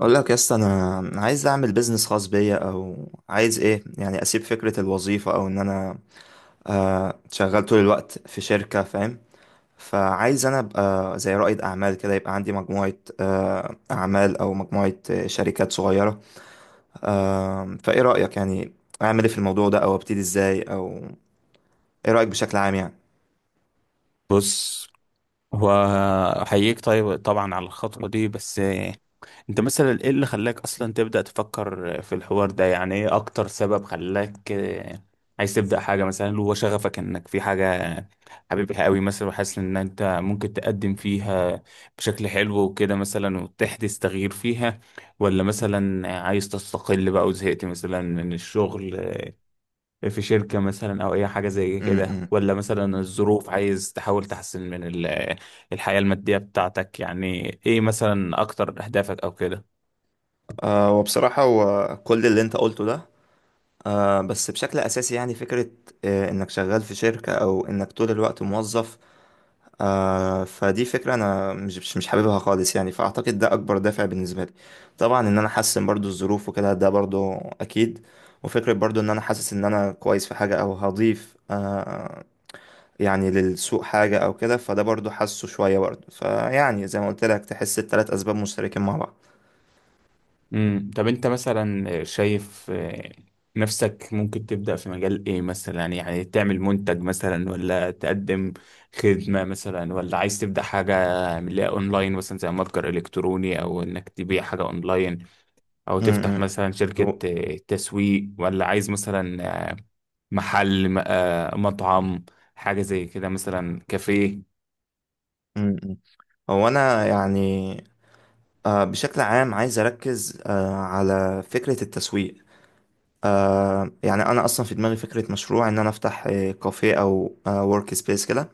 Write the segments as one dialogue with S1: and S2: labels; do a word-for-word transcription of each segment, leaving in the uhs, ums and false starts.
S1: اقول لك يا اسطى انا أنا عايز اعمل بيزنس خاص بيا او عايز ايه يعني اسيب فكره الوظيفه او ان انا آه شغال طول الوقت في شركه فاهم. فعايز انا ابقى زي رائد اعمال كده، يبقى عندي مجموعه آه اعمال او مجموعه آه، شركات صغيره. آه فايه رايك يعني؟ اعمل ايه في الموضوع ده او ابتدي ازاي؟ او ايه رايك بشكل عام يعني؟
S2: بص، هو احييك طيب طبعا على الخطوة دي. بس آه، انت مثلا ايه اللي خلاك اصلا تبدأ تفكر آه، في الحوار ده؟ يعني ايه اكتر سبب خلاك آه، عايز تبدأ حاجة؟ مثلا هو شغفك انك في حاجة حبيبها قوي مثلا وحاسس ان انت ممكن تقدم فيها بشكل حلو وكده مثلا وتحدث تغيير فيها، ولا مثلا عايز تستقل بقى وزهقت مثلا من الشغل في شركة مثلا أو أي حاجة زي كده،
S1: امم
S2: ولا مثلا الظروف عايز تحاول تحسن من ال- الحياة المادية بتاعتك؟ يعني إيه مثلا أكتر أهدافك أو كده؟
S1: آه وبصراحه هو كل اللي انت قلته ده، آه بس بشكل أساسي يعني فكرة آه إنك شغال في شركة أو إنك طول الوقت موظف، آه فدي فكرة أنا مش مش مش حاببها خالص يعني، فأعتقد ده أكبر دافع بالنسبة لي. طبعا إن أنا أحسن برضو الظروف وكده ده برضو أكيد. وفكرة برضو إن أنا حاسس إن أنا كويس في حاجة أو هضيف آه يعني للسوق حاجة أو كده، فده برضو حاسه شوية برضو. فيعني زي ما قلت لك، تحس التلات أسباب مشتركين مع بعض.
S2: امم طب أنت مثلا شايف آه، نفسك ممكن تبدأ في مجال إيه مثلا؟ يعني تعمل منتج مثلا، ولا تقدم خدمة مثلا، ولا عايز تبدأ حاجة من اللي هي أونلاين مثلا زي متجر إلكتروني أو إنك تبيع حاجة أونلاين، أو
S1: م-
S2: تفتح
S1: م.
S2: مثلا
S1: هو
S2: شركة آه، تسويق، ولا عايز مثلا محل، م- آه، مطعم، حاجة زي كده مثلا كافيه؟
S1: م- م. هو أنا يعني آه، بشكل عام عايز أركز آه، على فكرة التسويق. آه، يعني أنا أصلا في دماغي فكرة مشروع إن أنا أفتح آه، كافيه أو ورك سبيس كده.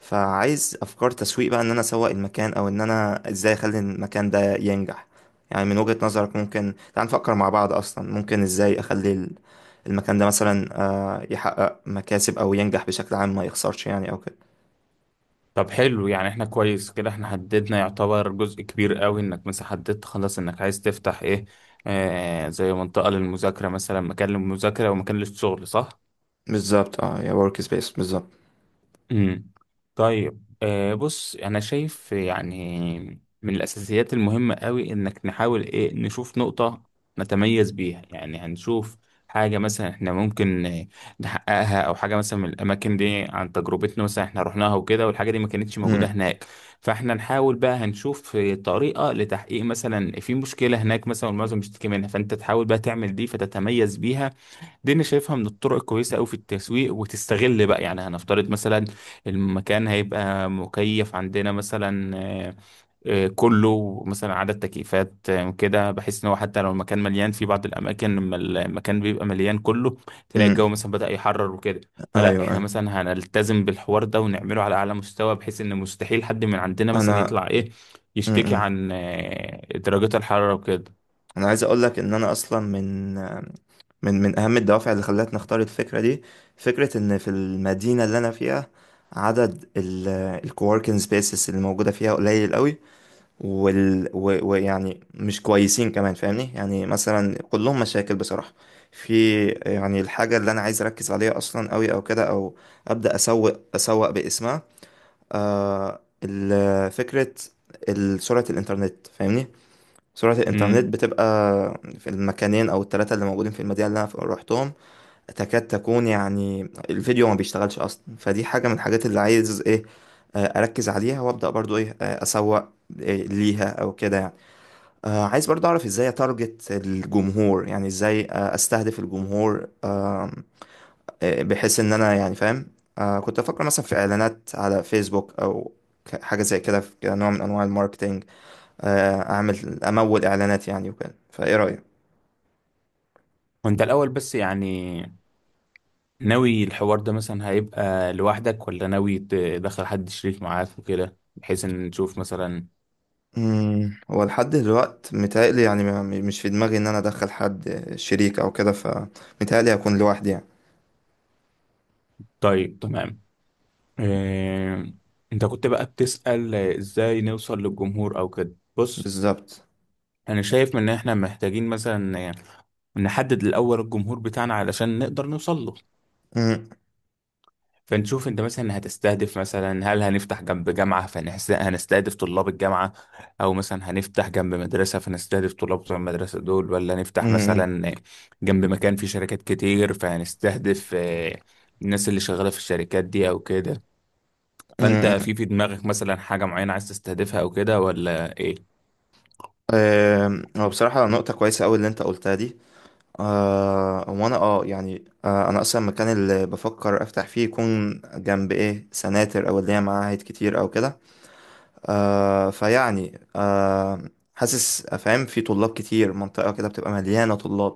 S1: فعايز أفكار تسويق بقى إن أنا أسوق المكان، أو إن أنا إزاي أخلي المكان ده ينجح. يعني من وجهة نظرك، ممكن تعال نفكر مع بعض أصلا ممكن إزاي أخلي ال- المكان ده مثلا آه، يحقق مكاسب أو ينجح بشكل عام، ما يخسرش يعني أو كده.
S2: طب حلو، يعني احنا كويس كده، احنا حددنا يعتبر جزء كبير قوي، انك مثلا حددت خلاص انك عايز تفتح ايه، آه زي منطقة للمذاكرة مثلا، مكان للمذاكرة ومكان للشغل، صح؟
S1: بالظبط، اه، يا ورك سبيس بالظبط.
S2: امم طيب آه بص، انا شايف يعني من الاساسيات المهمه قوي انك نحاول ايه، نشوف نقطه نتميز بيها. يعني هنشوف حاجه مثلا احنا ممكن آه، نحققها، او حاجه مثلا من الاماكن دي عن تجربتنا مثلا احنا رحناها وكده والحاجه دي ما كانتش موجوده
S1: امم.
S2: هناك، فاحنا نحاول بقى، هنشوف آه، طريقه لتحقيق مثلا في مشكله هناك مثلا والمعظم بيشتكي منها، فانت تحاول بقى تعمل دي فتتميز بيها. دي انا شايفها من الطرق الكويسه قوي في التسويق، وتستغل بقى. يعني هنفترض مثلا المكان هيبقى مكيف عندنا مثلا آه، آه، كله، مثلا عدد تكييفات آه، كده، بحيث ان هو حتى لو المكان مليان، في بعض الاماكن لما المكان بيبقى مليان كله تلاقي الجو
S1: امم.
S2: مثلا بدأ يحرر وكده،
S1: ايوه،
S2: فلا احنا
S1: ايوه.
S2: مثلا هنلتزم بالحوار ده ونعمله على اعلى مستوى بحيث ان مستحيل حد من عندنا مثلا
S1: انا،
S2: يطلع ايه يشتكي
S1: امم،
S2: عن آه، درجات الحراره وكده.
S1: انا عايز اقول لك ان انا اصلا من من من اهم الدوافع اللي خلتني اختار الفكره دي، فكره ان في المدينه اللي انا فيها عدد الكووركينج سبيسز اللي موجوده فيها قليل قوي. وال و- ويعني مش كويسين كمان فاهمني، يعني مثلا كلهم مشاكل بصراحه في يعني الحاجه اللي انا عايز اركز عليها اصلا قوي او كده، او ابدا اسوق اسوق باسمها آه ال- فكره ال- سرعه الانترنت. فاهمني، سرعة الإنترنت
S2: امم
S1: بتبقى في المكانين أو التلاتة اللي موجودين في المدينة اللي أنا روحتهم تكاد تكون يعني الفيديو ما بيشتغلش أصلا. فدي حاجة من الحاجات اللي عايز إيه آه، أركز عليها وأبدأ برضو إيه آه، أسوق إيه ليها أو كده يعني. آه، عايز برضو أعرف إزاي أتارجت الجمهور، يعني إزاي آه، أستهدف الجمهور، آه، آه، بحيث إن أنا يعني فاهم. آه، كنت أفكر مثلا في إعلانات على فيسبوك، أو ك- حاجة زي كده، في كنوع من أنواع الماركتينج. آه، اعمل امول اعلانات يعني وكده. فايه رايك؟
S2: وانت الاول بس، يعني ناوي الحوار ده مثلا هيبقى لوحدك، ولا ناوي تدخل حد شريك معاك وكده بحيث ان نشوف مثلا؟
S1: امم. هو لحد دلوقت متهيألي يعني ما- مش في دماغي ان انا ادخل حد شريك او كده، فمتهيألي هكون لوحدي يعني.
S2: طيب تمام. إيه... انت كنت بقى بتسأل ازاي نوصل للجمهور او كده. بص،
S1: بالظبط.
S2: انا شايف ان احنا محتاجين مثلا نحدد الاول الجمهور بتاعنا علشان نقدر نوصل له.
S1: امم.
S2: فنشوف انت مثلا هتستهدف مثلا، هل هنفتح جنب جامعة فهنستهدف طلاب الجامعة، او مثلا هنفتح جنب مدرسة فنستهدف طلاب بتوع المدرسة دول، ولا نفتح
S1: امم.
S2: مثلا جنب مكان فيه شركات كتير فهنستهدف آه، الناس اللي شغالة في الشركات دي او كده. فانت
S1: امم.
S2: في في دماغك مثلا حاجة معينة عايز تستهدفها او كده ولا ايه؟
S1: آم، هو بصراحة نقطة كويسة أوي اللي أنت قلتها دي. آه وأنا أه يعني آه أنا أصلا المكان اللي بفكر أفتح فيه يكون جنب إيه سناتر، أو اللي هي معاهد كتير أو كده. آه فيعني آه حاسس فاهم في طلاب كتير، منطقة كده بتبقى مليانة طلاب.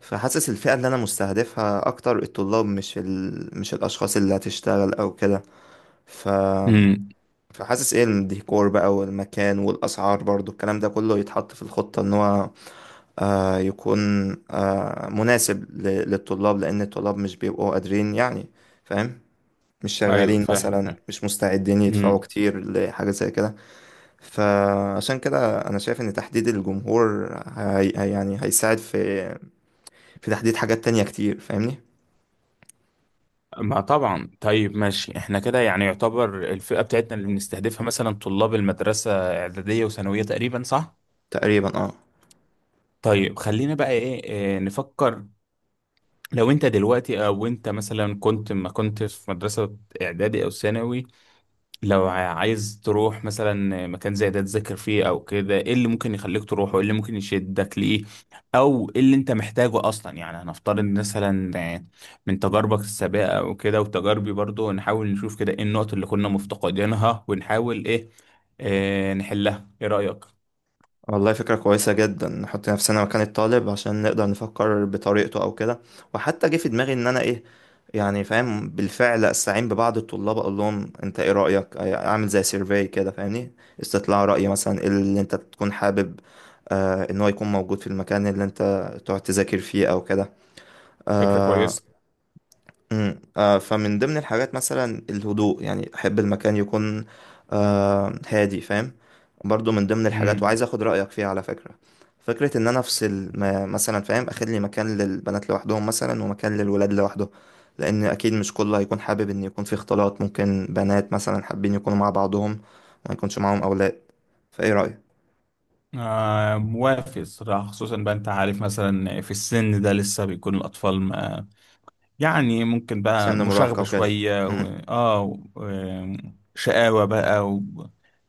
S1: فحاسس الفئة اللي أنا مستهدفها أكتر الطلاب، مش ال... مش الأشخاص اللي هتشتغل أو كده. ف...
S2: امم.
S1: فحاسس إيه الديكور بقى والمكان والأسعار، برضو الكلام ده كله يتحط في الخطة إن هو آه يكون آه مناسب ل... للطلاب، لأن الطلاب مش بيبقوا قادرين يعني فاهم، مش
S2: ايوه،
S1: شغالين
S2: فاهم،
S1: مثلا،
S2: فاهم.
S1: مش مستعدين يدفعوا كتير لحاجة زي كده. فعشان كده انا شايف ان تحديد الجمهور هي هي- يعني هيساعد في في تحديد حاجات تانية كتير فاهمني.
S2: ما طبعا. طيب ماشي، احنا كده يعني يعتبر الفئة بتاعتنا اللي بنستهدفها مثلا طلاب المدرسة إعدادية وثانوية تقريبا، صح؟
S1: تقريبا، اه.
S2: طيب خلينا بقى ايه, إيه نفكر. لو انت دلوقتي، او انت مثلا كنت ما كنت في مدرسة اعدادي او ثانوي، لو ع- عايز تروح مثلا مكان زي ده تذاكر فيه او كده، ايه اللي ممكن يخليك تروح وايه اللي ممكن يشدك ليه، او ايه اللي انت محتاجه اصلا؟ يعني هنفترض مثلا آه، من تجاربك السابقه او كده، وتجاربي برضو، نحاول نشوف كده ايه النقط اللي كنا مفتقدينها ونحاول ايه آه، نحلها. ايه رأيك؟
S1: والله فكرة كويسة جدا، نحط نفسنا مكان الطالب عشان نقدر نفكر بطريقته او كده. وحتى جه في دماغي ان انا ايه يعني، فاهم، بالفعل استعين ببعض الطلاب اقول لهم انت ايه رأيك، اعمل زي سيرفي كده فاهمني، استطلاع رأي مثلا، ايه اللي انت تكون حابب آه ان هو يكون موجود في المكان اللي انت تقعد تذاكر فيه او كده.
S2: فكرة
S1: آه.
S2: كويسة.
S1: امم. آه فمن ضمن الحاجات مثلا الهدوء، يعني احب المكان يكون آه هادي فاهم. برضو من ضمن الحاجات
S2: امم.
S1: وعايز اخد رايك فيها على فكره، فكره ان انا افصل ما- مثلا فاهم، اخد لي مكان للبنات لوحدهم مثلا، ومكان للولاد لوحده، لان اكيد مش كله هيكون حابب ان يكون في اختلاط. ممكن بنات مثلا حابين يكونوا مع بعضهم وما يكونش معاهم اولاد. فايه رايك؟
S2: آه موافق الصراحة، خصوصا بقى انت عارف مثلا في السن ده لسه بيكون الأطفال ما، يعني ممكن بقى
S1: سن مراهقه
S2: مشاغبة
S1: وكده.
S2: شوية و... اه و... آه، شقاوة بقى و...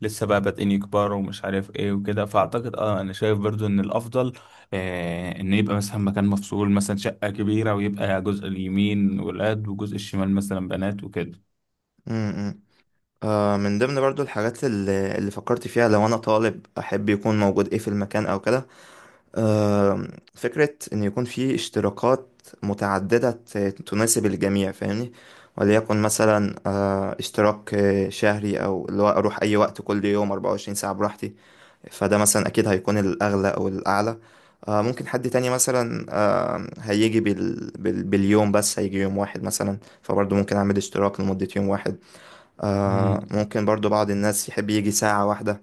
S2: لسه بقى بادئين يكبروا ومش عارف ايه وكده، فاعتقد اه، انا شايف برضو ان الافضل آه ان يبقى مثلا مكان مفصول، مثلا شقة كبيرة ويبقى جزء اليمين ولاد وجزء الشمال مثلا بنات وكده.
S1: امم. آه من ضمن برضو الحاجات اللي, اللي فكرت فيها، لو انا طالب احب يكون موجود ايه في المكان او كده. آه فكرة ان يكون في اشتراكات متعددة ت- تناسب الجميع فاهمني. وليكن مثلا آه اشتراك آه، شهري، او اللي هو اروح اي وقت كل يوم أربعة وعشرين ساعة براحتي، فده مثلا اكيد هيكون الاغلى او الاعلى. آه ممكن حد تاني مثلا آه هيجي بال... بال... باليوم، بس هيجي يوم واحد مثلا، فبرضه ممكن اعمل اشتراك لمدة يوم واحد. آه ممكن برضو بعض الناس يحب يجي ساعة واحدة.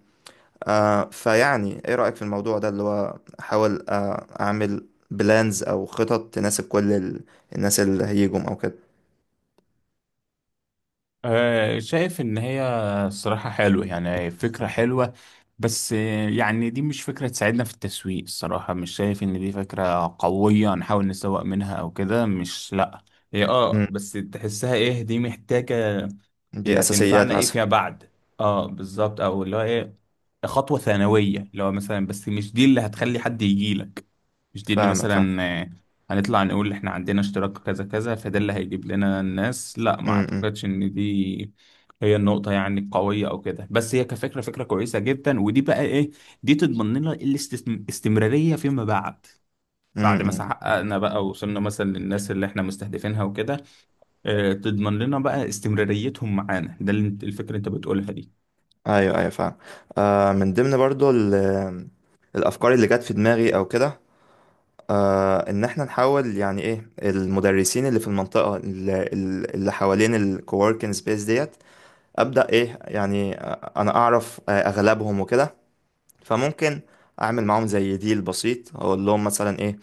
S1: آه فيعني ايه رأيك في الموضوع ده، اللي هو احاول آه اعمل بلانز او خطط تناسب كل ال... الناس اللي هيجوا او كده.
S2: آه، شايف ان هي الصراحة حلوة، يعني فكرة حلوة، بس آه، يعني دي مش فكرة تساعدنا في التسويق الصراحة، مش شايف ان دي فكرة قوية نحاول نسوق منها او كده، مش لا، هي اه
S1: مم.
S2: بس تحسها ايه، دي محتاجة،
S1: دي
S2: هي
S1: اساسيات
S2: هتنفعنا ايه
S1: مثلا.
S2: فيما بعد. اه بالظبط، او اللي هو ايه، خطوه ثانويه اللي هو مثلا، بس مش دي اللي هتخلي حد يجي لك، مش دي ان
S1: فاهمك، فاهم.
S2: مثلا آه، هنطلع نقول احنا عندنا اشتراك كذا كذا فده اللي هيجيب لنا الناس، لا ما
S1: امم.
S2: اعتقدش ان دي هي النقطة يعني القوية أو كده. بس هي كفكرة، فكرة كويسة جدا، ودي بقى إيه، دي تضمن لنا الاستمرارية فيما بعد. بعد ما
S1: امم.
S2: حققنا بقى وصلنا مثلا للناس اللي احنا مستهدفينها وكده، آه، تضمن لنا بقى استمراريتهم معانا. ده اللي انت- الفكرة اللي انت بتقولها دي.
S1: ايوه، ايوه فاهم. آه من ضمن برضو ال... الافكار اللي جت في دماغي او كده، آه ان احنا نحاول يعني ايه المدرسين اللي في المنطقة اللي, اللي حوالين الكووركينج سبيس ديت، ابدا ايه يعني. انا اعرف آه، اغلبهم وكده، فممكن اعمل معاهم زي ديل بسيط، اقول لهم مثلا ايه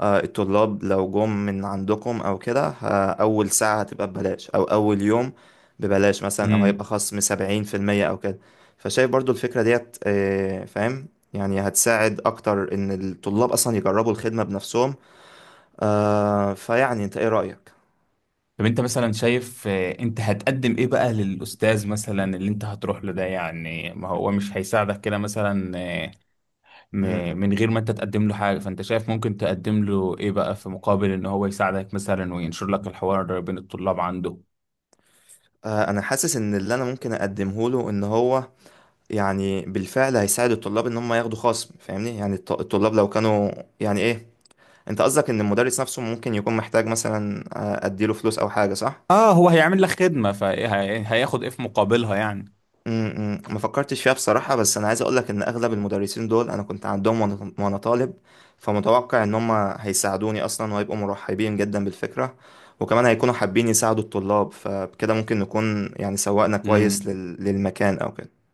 S1: آه، الطلاب لو جم من عندكم او كده، ه- اول ساعة هتبقى ببلاش او اول يوم ببلاش مثلا، او هيبقى
S2: امم.
S1: خصم سبعين في المية او كده. فشايف برضو الفكرة ديت آه، فاهم، يعني هتساعد اكتر ان الطلاب اصلا يجربوا الخدمة بنفسهم. آه، فيعني انت ايه رأيك؟
S2: طب انت مثلا شايف آه، انت هتقدم ايه بقى للاستاذ مثلا اللي انت هتروح له ده؟ يعني ما هو مش هيساعدك كده مثلا آه،
S1: م- م.
S2: م- من غير ما انت تقدم له حاجة، فانت شايف ممكن تقدم له ايه بقى في مقابل ان هو يساعدك مثلا وينشر لك الحوار بين الطلاب عنده؟
S1: آه، انا حاسس ان اللي انا ممكن اقدمه له ان هو يعني بالفعل هيساعد الطلاب ان هم ياخدوا خصم فاهمني، يعني الط- الطلاب لو كانوا يعني ايه. انت قصدك ان المدرس نفسه ممكن يكون محتاج مثلا آه، اديله فلوس او حاجه، صح؟
S2: اه هو هيعمل لك خدمة فهياخد ايه في مقابلها يعني.
S1: امم. ما فكرتش فيها بصراحه، بس انا عايز اقولك ان اغلب المدرسين دول انا كنت عندهم وانا وأنا طالب، فمتوقع ان هم هيساعدوني اصلا وهيبقوا مرحبين جدا بالفكره، وكمان هيكونوا حابين يساعدوا الطلاب، فبكده ممكن نكون يعني سوقنا كويس
S2: امم.
S1: لل... للمكان او كده.